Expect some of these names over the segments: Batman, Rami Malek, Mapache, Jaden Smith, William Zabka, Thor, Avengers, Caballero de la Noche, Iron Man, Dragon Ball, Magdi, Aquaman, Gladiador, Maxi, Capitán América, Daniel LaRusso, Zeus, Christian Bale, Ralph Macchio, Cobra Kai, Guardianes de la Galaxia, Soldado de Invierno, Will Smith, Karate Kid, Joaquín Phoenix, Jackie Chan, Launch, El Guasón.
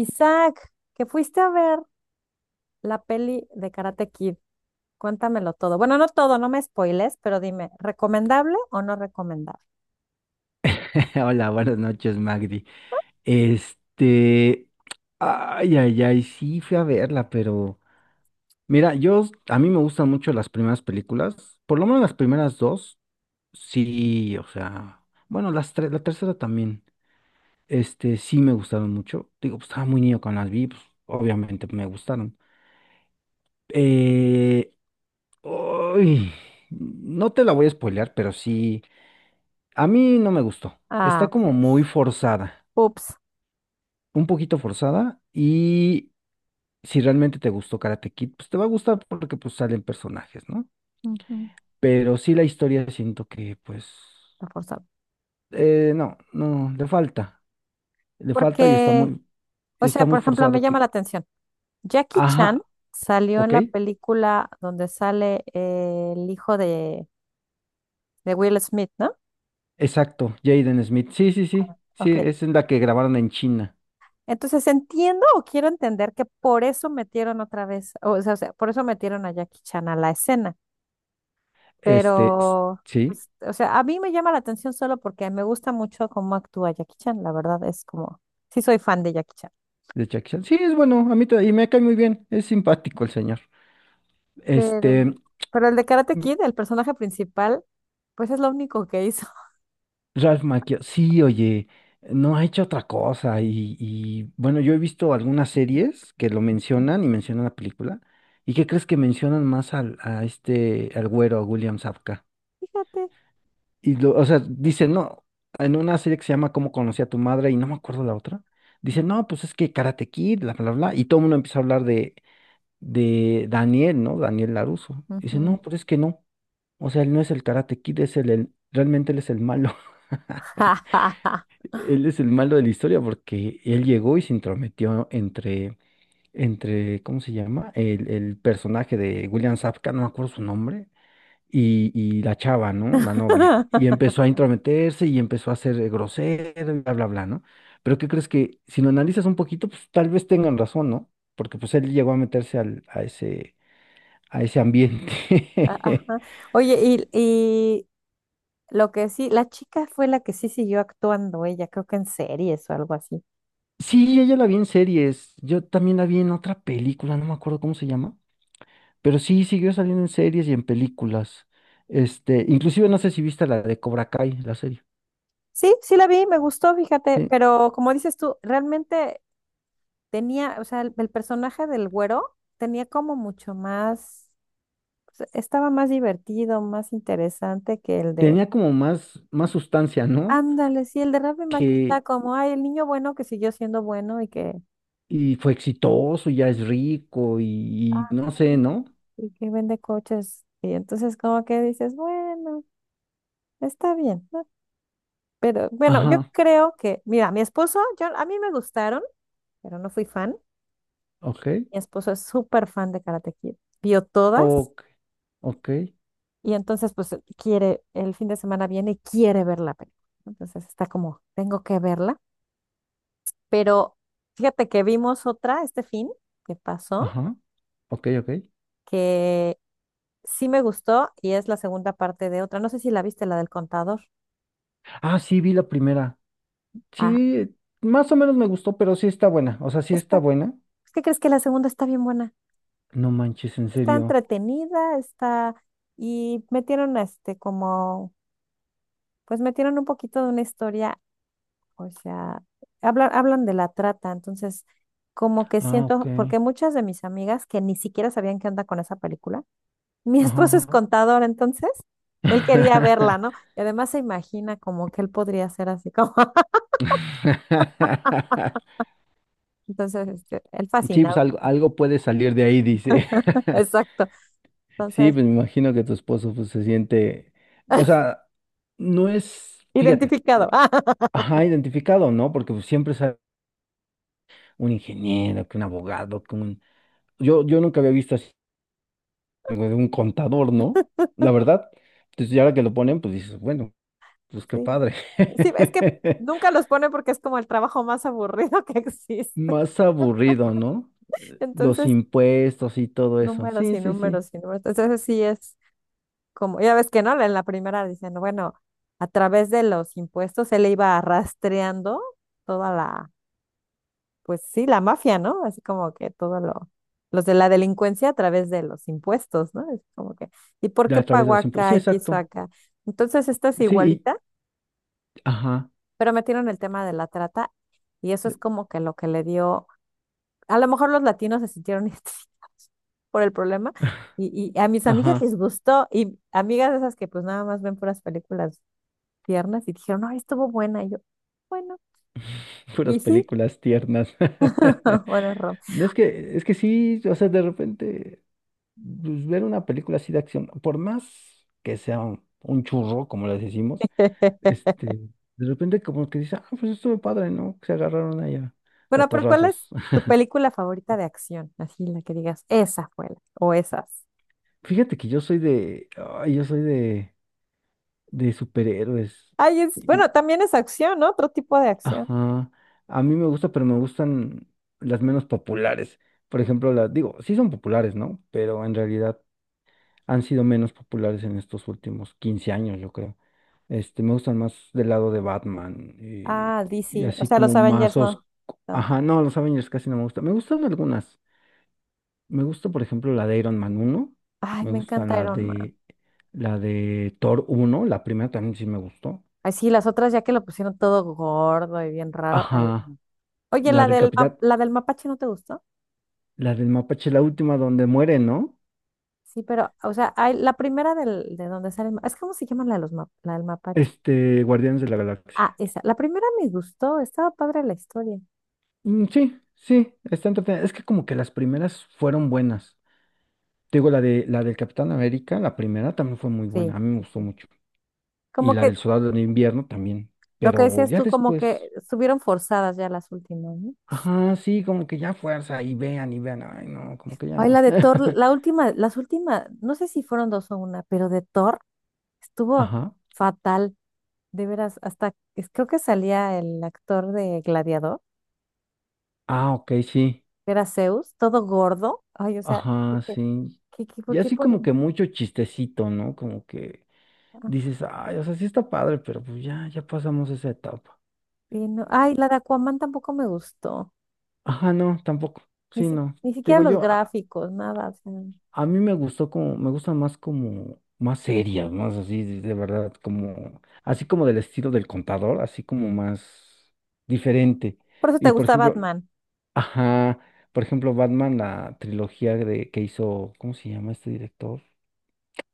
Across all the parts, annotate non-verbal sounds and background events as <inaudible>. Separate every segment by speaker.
Speaker 1: Isaac, que fuiste a ver la peli de Karate Kid, cuéntamelo todo. Bueno, no todo, no me spoiles, pero dime, ¿recomendable o no recomendable?
Speaker 2: <laughs> Hola, buenas noches, Magdi. Este, Ay, ay, ay, sí fui a verla, pero mira, a mí me gustan mucho las primeras películas, por lo menos las primeras dos, sí, o sea, bueno, las tres, la tercera también, sí me gustaron mucho. Digo, pues estaba muy niño cuando las vi, pues, obviamente me gustaron. Eh, Uy, no te la voy a spoilear, pero sí, a mí no me gustó.
Speaker 1: Ah,
Speaker 2: Está como
Speaker 1: ok.
Speaker 2: muy forzada,
Speaker 1: Ups.
Speaker 2: un poquito forzada. Y si realmente te gustó Karate Kid, pues te va a gustar porque pues salen personajes, ¿no?
Speaker 1: Ujú,
Speaker 2: Pero sí la historia siento que pues
Speaker 1: la forzaba.
Speaker 2: no, no, le falta y está
Speaker 1: Porque,
Speaker 2: muy,
Speaker 1: o
Speaker 2: está
Speaker 1: sea,
Speaker 2: muy
Speaker 1: por ejemplo, me
Speaker 2: forzado
Speaker 1: llama la
Speaker 2: que,
Speaker 1: atención. Jackie Chan
Speaker 2: ajá,
Speaker 1: salió en
Speaker 2: ok,
Speaker 1: la película donde sale el hijo de Will Smith, ¿no?
Speaker 2: exacto, Jaden Smith, sí, sí, sí, sí,
Speaker 1: Ok.
Speaker 2: es en la que grabaron en China,
Speaker 1: Entonces entiendo o quiero entender que por eso metieron otra vez, o sea, por eso metieron a Jackie Chan a la escena.
Speaker 2: este, s-
Speaker 1: Pero,
Speaker 2: sí,
Speaker 1: pues, o sea, a mí me llama la atención solo porque me gusta mucho cómo actúa Jackie Chan, la verdad es como, sí soy fan de Jackie Chan.
Speaker 2: de Jackie Chan, sí, es bueno, a mí y me cae muy bien, es simpático el señor,
Speaker 1: Pero,
Speaker 2: este,
Speaker 1: pero el de Karate Kid, el personaje principal, pues es lo único que hizo.
Speaker 2: Ralph Macchio, sí, oye, no ha hecho otra cosa y, bueno, yo he visto algunas series que lo mencionan y mencionan la película. ¿Y qué crees que mencionan más al güero, a William Zabka?
Speaker 1: <laughs> Fíjate.
Speaker 2: O sea, dicen, no, en una serie que se llama ¿Cómo conocí a tu madre? Y no me acuerdo la otra, dicen, no, pues es que Karate Kid, bla, bla, bla, y todo el mundo empieza a hablar de, Daniel, ¿no? Daniel LaRusso. Dicen,
Speaker 1: Ujú.
Speaker 2: no, pero es que no, o sea, él no es el Karate Kid, realmente él es el malo. <laughs>
Speaker 1: <laughs>
Speaker 2: Él es el malo de la historia porque él llegó y se intrometió entre, ¿cómo se llama? El personaje de William Zabka, no me acuerdo su nombre, y la chava, ¿no? La novia. Y empezó a intrometerse y empezó a ser grosero y bla, bla, bla, ¿no? Pero, ¿qué crees? Que si lo analizas un poquito, pues tal vez tengan razón, ¿no? Porque pues él llegó a meterse a ese ambiente. <laughs>
Speaker 1: Ajá. Oye, y lo que sí, la chica fue la que sí siguió actuando, ella creo que en series o algo así.
Speaker 2: Sí, ella la vi en series. Yo también la vi en otra película, no me acuerdo cómo se llama. Pero sí, siguió saliendo en series y en películas. Inclusive no sé si viste la de Cobra Kai, la serie.
Speaker 1: Sí, sí la vi, me gustó, fíjate,
Speaker 2: ¿Sí?
Speaker 1: pero como dices tú, realmente tenía, o sea, el personaje del güero tenía como mucho más, o sea, estaba más divertido, más interesante que el de,
Speaker 2: Tenía como más, más sustancia, ¿no?
Speaker 1: ándale, sí, el de Rami Malek está
Speaker 2: Que,
Speaker 1: como, ay, el niño bueno que siguió siendo bueno
Speaker 2: y fue exitoso, y ya es rico, y no sé, ¿no?
Speaker 1: y que vende coches. Y entonces como que dices, bueno, está bien, ¿no? Pero bueno, yo
Speaker 2: Ajá,
Speaker 1: creo que, mira, mi esposo, yo, a mí me gustaron, pero no fui fan.
Speaker 2: ok,
Speaker 1: Mi esposo es súper fan de Karate Kid. Vio todas.
Speaker 2: ok, ok,
Speaker 1: Y entonces, pues quiere, el fin de semana viene y quiere ver la película, ¿no? Entonces está como, tengo que verla. Pero fíjate que vimos otra este fin que pasó,
Speaker 2: ajá, ok, ok.
Speaker 1: que sí me gustó y es la segunda parte de otra. No sé si la viste, la del contador.
Speaker 2: Ah, sí, vi la primera.
Speaker 1: Ah,
Speaker 2: Sí, más o menos me gustó, pero sí está buena. O sea, sí está
Speaker 1: esta.
Speaker 2: buena.
Speaker 1: Pues, ¿qué crees que la segunda está bien buena?
Speaker 2: No manches, en
Speaker 1: Está
Speaker 2: serio.
Speaker 1: entretenida, está... Y metieron este como, pues metieron un poquito de una historia. O sea, hablan de la trata, entonces como que
Speaker 2: Ah, ok.
Speaker 1: siento, porque muchas de mis amigas que ni siquiera sabían qué onda con esa película. <laughs> Mi esposo es
Speaker 2: Ajá,
Speaker 1: contador, entonces él quería verla,
Speaker 2: ajá.
Speaker 1: ¿no? Y además se imagina como que él podría ser así como... <laughs>
Speaker 2: <laughs>
Speaker 1: Entonces este, él
Speaker 2: Sí, pues
Speaker 1: fascinado.
Speaker 2: algo, algo puede salir de ahí, dice.
Speaker 1: <laughs>
Speaker 2: <laughs>
Speaker 1: Exacto,
Speaker 2: Sí,
Speaker 1: entonces
Speaker 2: pues me imagino que tu esposo pues, se siente, o sea, no es, fíjate,
Speaker 1: identificado. <laughs> Ah,
Speaker 2: ajá, identificado, ¿no? Porque pues, siempre es un ingeniero, que un abogado, que un. Yo nunca había visto así algo de un contador, ¿no? La verdad. Entonces, y ahora que lo ponen, pues dices, bueno, pues qué
Speaker 1: sí,
Speaker 2: padre.
Speaker 1: sí, es que
Speaker 2: <laughs>
Speaker 1: nunca los pone porque es como el trabajo más aburrido <laughs> que existe,
Speaker 2: Más aburrido, ¿no? Los
Speaker 1: entonces
Speaker 2: impuestos y todo eso.
Speaker 1: números
Speaker 2: Sí,
Speaker 1: y
Speaker 2: sí, sí.
Speaker 1: números y números, entonces sí es. Como ya ves que no, en la primera dicen, bueno, a través de los impuestos él iba rastreando toda la, pues sí, la mafia, ¿no? Así como que todo lo, los de la delincuencia a través de los impuestos, ¿no? Es como que, ¿y por
Speaker 2: De
Speaker 1: qué
Speaker 2: a través de
Speaker 1: pagó
Speaker 2: los impuestos. Sí,
Speaker 1: acá y quiso
Speaker 2: exacto.
Speaker 1: acá? Entonces esta es
Speaker 2: Sí,
Speaker 1: igualita,
Speaker 2: ajá.
Speaker 1: pero metieron el tema de la trata y eso es como que lo que le dio, a lo mejor los latinos se sintieron identificados <laughs> por el problema. Y a mis amigas
Speaker 2: Ajá,
Speaker 1: les gustó, y amigas de esas que pues nada más ven puras películas piernas y dijeron, ay, estuvo buena. Y yo, bueno,
Speaker 2: <laughs> puras
Speaker 1: y sí,
Speaker 2: películas tiernas. <laughs>
Speaker 1: <laughs> bueno, Rom.
Speaker 2: No, es que sí, o sea, de repente, pues, ver una película así de acción, por más que sea un churro, como les decimos,
Speaker 1: <laughs>
Speaker 2: este, de repente como que dice, ah, pues estuvo padre, ¿no? Que se agarraron allá,
Speaker 1: Bueno, pero ¿cuál es
Speaker 2: catorrazos.
Speaker 1: tu
Speaker 2: <laughs>
Speaker 1: película favorita de acción? Así la que digas, esa fue la, o esas.
Speaker 2: Fíjate que yo soy de superhéroes.
Speaker 1: Ay, es, bueno,
Speaker 2: Y-
Speaker 1: también es acción, ¿no? Otro tipo de acción.
Speaker 2: Ajá, a mí me gusta, pero me gustan las menos populares. Por ejemplo, digo, sí son populares, ¿no? Pero en realidad han sido menos populares en estos últimos 15 años, yo creo. Me gustan más del lado de Batman y,
Speaker 1: Ah,
Speaker 2: y
Speaker 1: DC, o
Speaker 2: así
Speaker 1: sea, los
Speaker 2: como más
Speaker 1: Avengers
Speaker 2: os...
Speaker 1: no tanto.
Speaker 2: Ajá, no, los Avengers casi no me gustan. Me gustan algunas. Me gusta, por ejemplo, la de Iron Man uno.
Speaker 1: Ay,
Speaker 2: Me
Speaker 1: me
Speaker 2: gusta
Speaker 1: encanta
Speaker 2: la
Speaker 1: Iron Man.
Speaker 2: de la de Thor uno, la primera también sí me gustó.
Speaker 1: Ay, sí, las otras ya que lo pusieron todo gordo y bien raro. Ay.
Speaker 2: Ajá,
Speaker 1: No. Oye,
Speaker 2: la
Speaker 1: la
Speaker 2: del
Speaker 1: del, map-
Speaker 2: Capitán,
Speaker 1: la del mapache, ¿no te gustó?
Speaker 2: la del Mapache, la última donde muere, ¿no?
Speaker 1: Sí, pero, o sea, hay, la primera del, de donde sale el, ma- es, ¿cómo se llama la de los map- la del mapache?
Speaker 2: Guardianes de la
Speaker 1: Ah,
Speaker 2: Galaxia.
Speaker 1: esa. La primera me gustó, estaba padre la historia.
Speaker 2: Mm, sí, sí, está entretenida. Es que como que las primeras fueron buenas. Te digo, la del Capitán América, la primera también fue muy
Speaker 1: Sí,
Speaker 2: buena, a mí me
Speaker 1: sí,
Speaker 2: gustó
Speaker 1: sí.
Speaker 2: mucho. Y
Speaker 1: Como
Speaker 2: la
Speaker 1: que
Speaker 2: del Soldado de Invierno también.
Speaker 1: lo que
Speaker 2: Pero
Speaker 1: decías
Speaker 2: ya
Speaker 1: tú, como que
Speaker 2: después,
Speaker 1: estuvieron forzadas ya las últimas, ¿no?
Speaker 2: ajá, sí, como que ya fuerza, y vean, ay, no, como que ya
Speaker 1: Ay,
Speaker 2: no.
Speaker 1: la de Thor,
Speaker 2: <laughs>
Speaker 1: la última, las últimas, no sé si fueron dos o una, pero de Thor estuvo
Speaker 2: Ajá.
Speaker 1: fatal, de veras, hasta es- creo que salía el actor de Gladiador,
Speaker 2: Ah, ok, sí.
Speaker 1: que era Zeus, todo gordo. Ay, o sea,
Speaker 2: Ajá,
Speaker 1: dije,
Speaker 2: sí.
Speaker 1: ¿qué, qué, por
Speaker 2: Y
Speaker 1: qué
Speaker 2: así
Speaker 1: ponen
Speaker 2: como que mucho chistecito, ¿no? Como que
Speaker 1: acá?
Speaker 2: dices, ay, o sea, sí está padre, pero pues ya pasamos esa etapa.
Speaker 1: Y no- ay, la de Aquaman tampoco me gustó,
Speaker 2: Ajá, no, tampoco.
Speaker 1: ni,
Speaker 2: Sí,
Speaker 1: si-
Speaker 2: no.
Speaker 1: ni
Speaker 2: Te
Speaker 1: siquiera
Speaker 2: digo
Speaker 1: los
Speaker 2: yo,
Speaker 1: gráficos, nada, o sea...
Speaker 2: a mí me gustó como, me gusta más como, más seria, más así, de verdad, como, así como del estilo del contador, así como más diferente.
Speaker 1: Por eso te
Speaker 2: Y por
Speaker 1: gusta
Speaker 2: ejemplo,
Speaker 1: Batman.
Speaker 2: ajá, por ejemplo, Batman, la trilogía de, que hizo, ¿cómo se llama este director?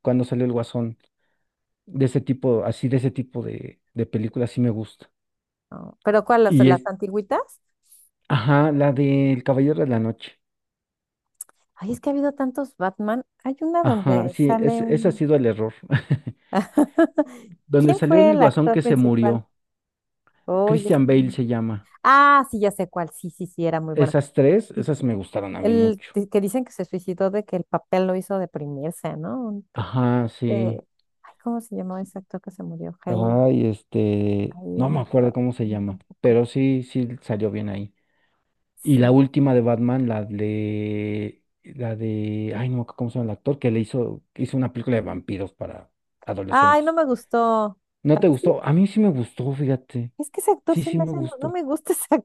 Speaker 2: Cuando salió El Guasón, de ese tipo, así de ese tipo de películas, sí me gusta.
Speaker 1: No, ¿pero cuál?
Speaker 2: Y
Speaker 1: Las
Speaker 2: es,
Speaker 1: antigüitas?
Speaker 2: ajá, la del Caballero de la Noche.
Speaker 1: Ay, es que ha habido tantos Batman. Hay una
Speaker 2: Ajá,
Speaker 1: donde
Speaker 2: sí,
Speaker 1: sale
Speaker 2: ese ha
Speaker 1: un...
Speaker 2: sido el error. <laughs>
Speaker 1: <laughs>
Speaker 2: Donde
Speaker 1: ¿Quién
Speaker 2: salió
Speaker 1: fue
Speaker 2: el
Speaker 1: el
Speaker 2: Guasón
Speaker 1: actor
Speaker 2: que se
Speaker 1: principal?
Speaker 2: murió.
Speaker 1: Oye, es
Speaker 2: Christian
Speaker 1: que-
Speaker 2: Bale
Speaker 1: no.
Speaker 2: se llama.
Speaker 1: Ah, sí, ya sé cuál. Sí, sí, sí, era muy bueno.
Speaker 2: Esas tres,
Speaker 1: Sí,
Speaker 2: esas me gustaron a mí
Speaker 1: el
Speaker 2: mucho.
Speaker 1: di- que dicen que se suicidó de que el papel lo hizo deprimirse, ¿no? Un pe-
Speaker 2: Ajá,
Speaker 1: eh,
Speaker 2: sí.
Speaker 1: ay, ¿cómo se llamaba ese actor que se murió? Hey,
Speaker 2: Ay, no
Speaker 1: ahí
Speaker 2: me
Speaker 1: no
Speaker 2: acuerdo
Speaker 1: puedo-
Speaker 2: cómo se
Speaker 1: no,
Speaker 2: llama,
Speaker 1: tampoco.
Speaker 2: pero sí, sí salió bien ahí. Y la
Speaker 1: Sí.
Speaker 2: última de Batman, ay, no, me acuerdo ¿cómo se llama el actor? Que hizo una película de vampiros para
Speaker 1: Ay, no
Speaker 2: adolescentes.
Speaker 1: me gustó.
Speaker 2: ¿No
Speaker 1: ¿A
Speaker 2: te
Speaker 1: que sí?
Speaker 2: gustó? A mí sí me gustó, fíjate.
Speaker 1: Es que ese actor
Speaker 2: Sí,
Speaker 1: se
Speaker 2: sí
Speaker 1: me
Speaker 2: me
Speaker 1: hace, no, no
Speaker 2: gustó.
Speaker 1: me gusta ese.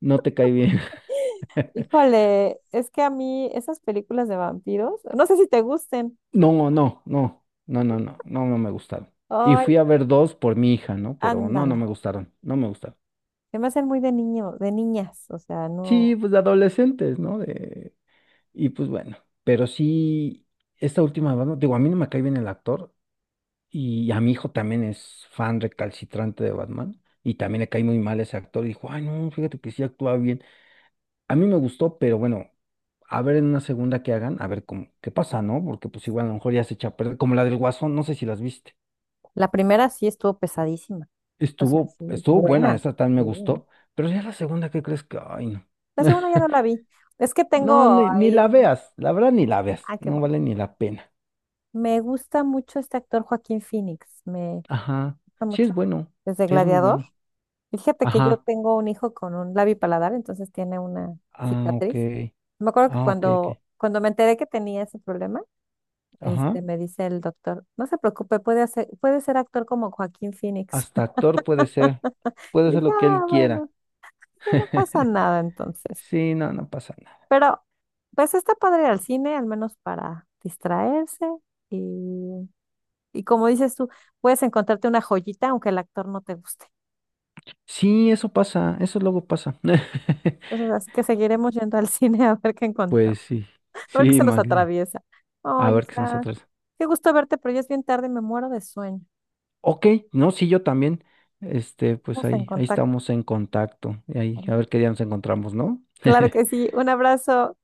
Speaker 2: No te cae bien. <laughs>
Speaker 1: Híjole, es que a mí esas películas de vampiros, no sé si te gusten.
Speaker 2: No, no, no, no, no, no, no, no me gustaron. Y
Speaker 1: Ay,
Speaker 2: fui a ver dos por mi hija, ¿no? Pero no, no
Speaker 1: ándale.
Speaker 2: me gustaron, no me gustaron.
Speaker 1: Se me hacen muy de niño, de niñas. O sea, no.
Speaker 2: Sí, pues de adolescentes, ¿no? Y pues bueno, pero sí, esta última de Batman, digo, a mí no me cae bien el actor y a mi hijo también es fan recalcitrante de Batman y también le cae muy mal ese actor y dijo, ay, no, fíjate que sí actúa bien. A mí me gustó, pero bueno, a ver en una segunda que hagan, a ver cómo, qué pasa, ¿no? Porque pues igual a lo mejor ya se echa a perder, como la del Guasón, no sé si las viste.
Speaker 1: La primera sí estuvo pesadísima. O sea,
Speaker 2: Estuvo,
Speaker 1: sí,
Speaker 2: estuvo buena,
Speaker 1: buena.
Speaker 2: esa tan me
Speaker 1: Sí.
Speaker 2: gustó, pero ya la segunda, ¿qué crees que? Ay, no.
Speaker 1: La segunda ya
Speaker 2: <laughs>
Speaker 1: no la vi. Es que
Speaker 2: No,
Speaker 1: tengo
Speaker 2: ni
Speaker 1: ahí
Speaker 2: la
Speaker 1: un.
Speaker 2: veas, la verdad ni la veas,
Speaker 1: Ah, qué
Speaker 2: no
Speaker 1: bueno.
Speaker 2: vale ni la pena.
Speaker 1: Me gusta mucho este actor Joaquín Phoenix. Me
Speaker 2: Ajá,
Speaker 1: gusta
Speaker 2: sí es
Speaker 1: mucho.
Speaker 2: bueno,
Speaker 1: Desde
Speaker 2: sí es muy
Speaker 1: Gladiador.
Speaker 2: bueno.
Speaker 1: Fíjate que yo
Speaker 2: Ajá,
Speaker 1: tengo un hijo con un labipaladar, entonces tiene una
Speaker 2: ah, ok,
Speaker 1: cicatriz. Me acuerdo que
Speaker 2: ah, ok, ok.
Speaker 1: cuando, cuando me enteré que tenía ese problema,
Speaker 2: Ajá,
Speaker 1: este, me dice el doctor, no se preocupe, puede hacer, puede ser actor como Joaquín Phoenix.
Speaker 2: hasta actor
Speaker 1: <laughs> Y
Speaker 2: puede ser
Speaker 1: dije,
Speaker 2: lo que él
Speaker 1: ah,
Speaker 2: quiera.
Speaker 1: bueno, que no pasa
Speaker 2: <laughs>
Speaker 1: nada entonces.
Speaker 2: Sí, no, no pasa nada.
Speaker 1: Pero, pues está padre ir al cine, al menos para distraerse. Y, y como dices tú, puedes encontrarte una joyita aunque el actor no te guste.
Speaker 2: Sí, eso pasa, eso luego pasa. <laughs>
Speaker 1: Entonces, así que seguiremos yendo al cine <laughs> a ver qué
Speaker 2: Pues
Speaker 1: encontramos.
Speaker 2: sí,
Speaker 1: Porque
Speaker 2: sí,
Speaker 1: se los
Speaker 2: Maxi.
Speaker 1: atraviesa.
Speaker 2: A
Speaker 1: Oye,
Speaker 2: ver qué son nos
Speaker 1: Isaac,
Speaker 2: atrasa.
Speaker 1: qué gusto verte, pero ya es bien tarde y me muero de sueño.
Speaker 2: Ok, no, sí, yo también. Pues
Speaker 1: Vamos en
Speaker 2: ahí, ahí
Speaker 1: contacto,
Speaker 2: estamos en contacto. Y ahí, a
Speaker 1: ¿no?
Speaker 2: ver qué día nos encontramos, ¿no?
Speaker 1: Claro que
Speaker 2: <laughs>
Speaker 1: sí. Un abrazo.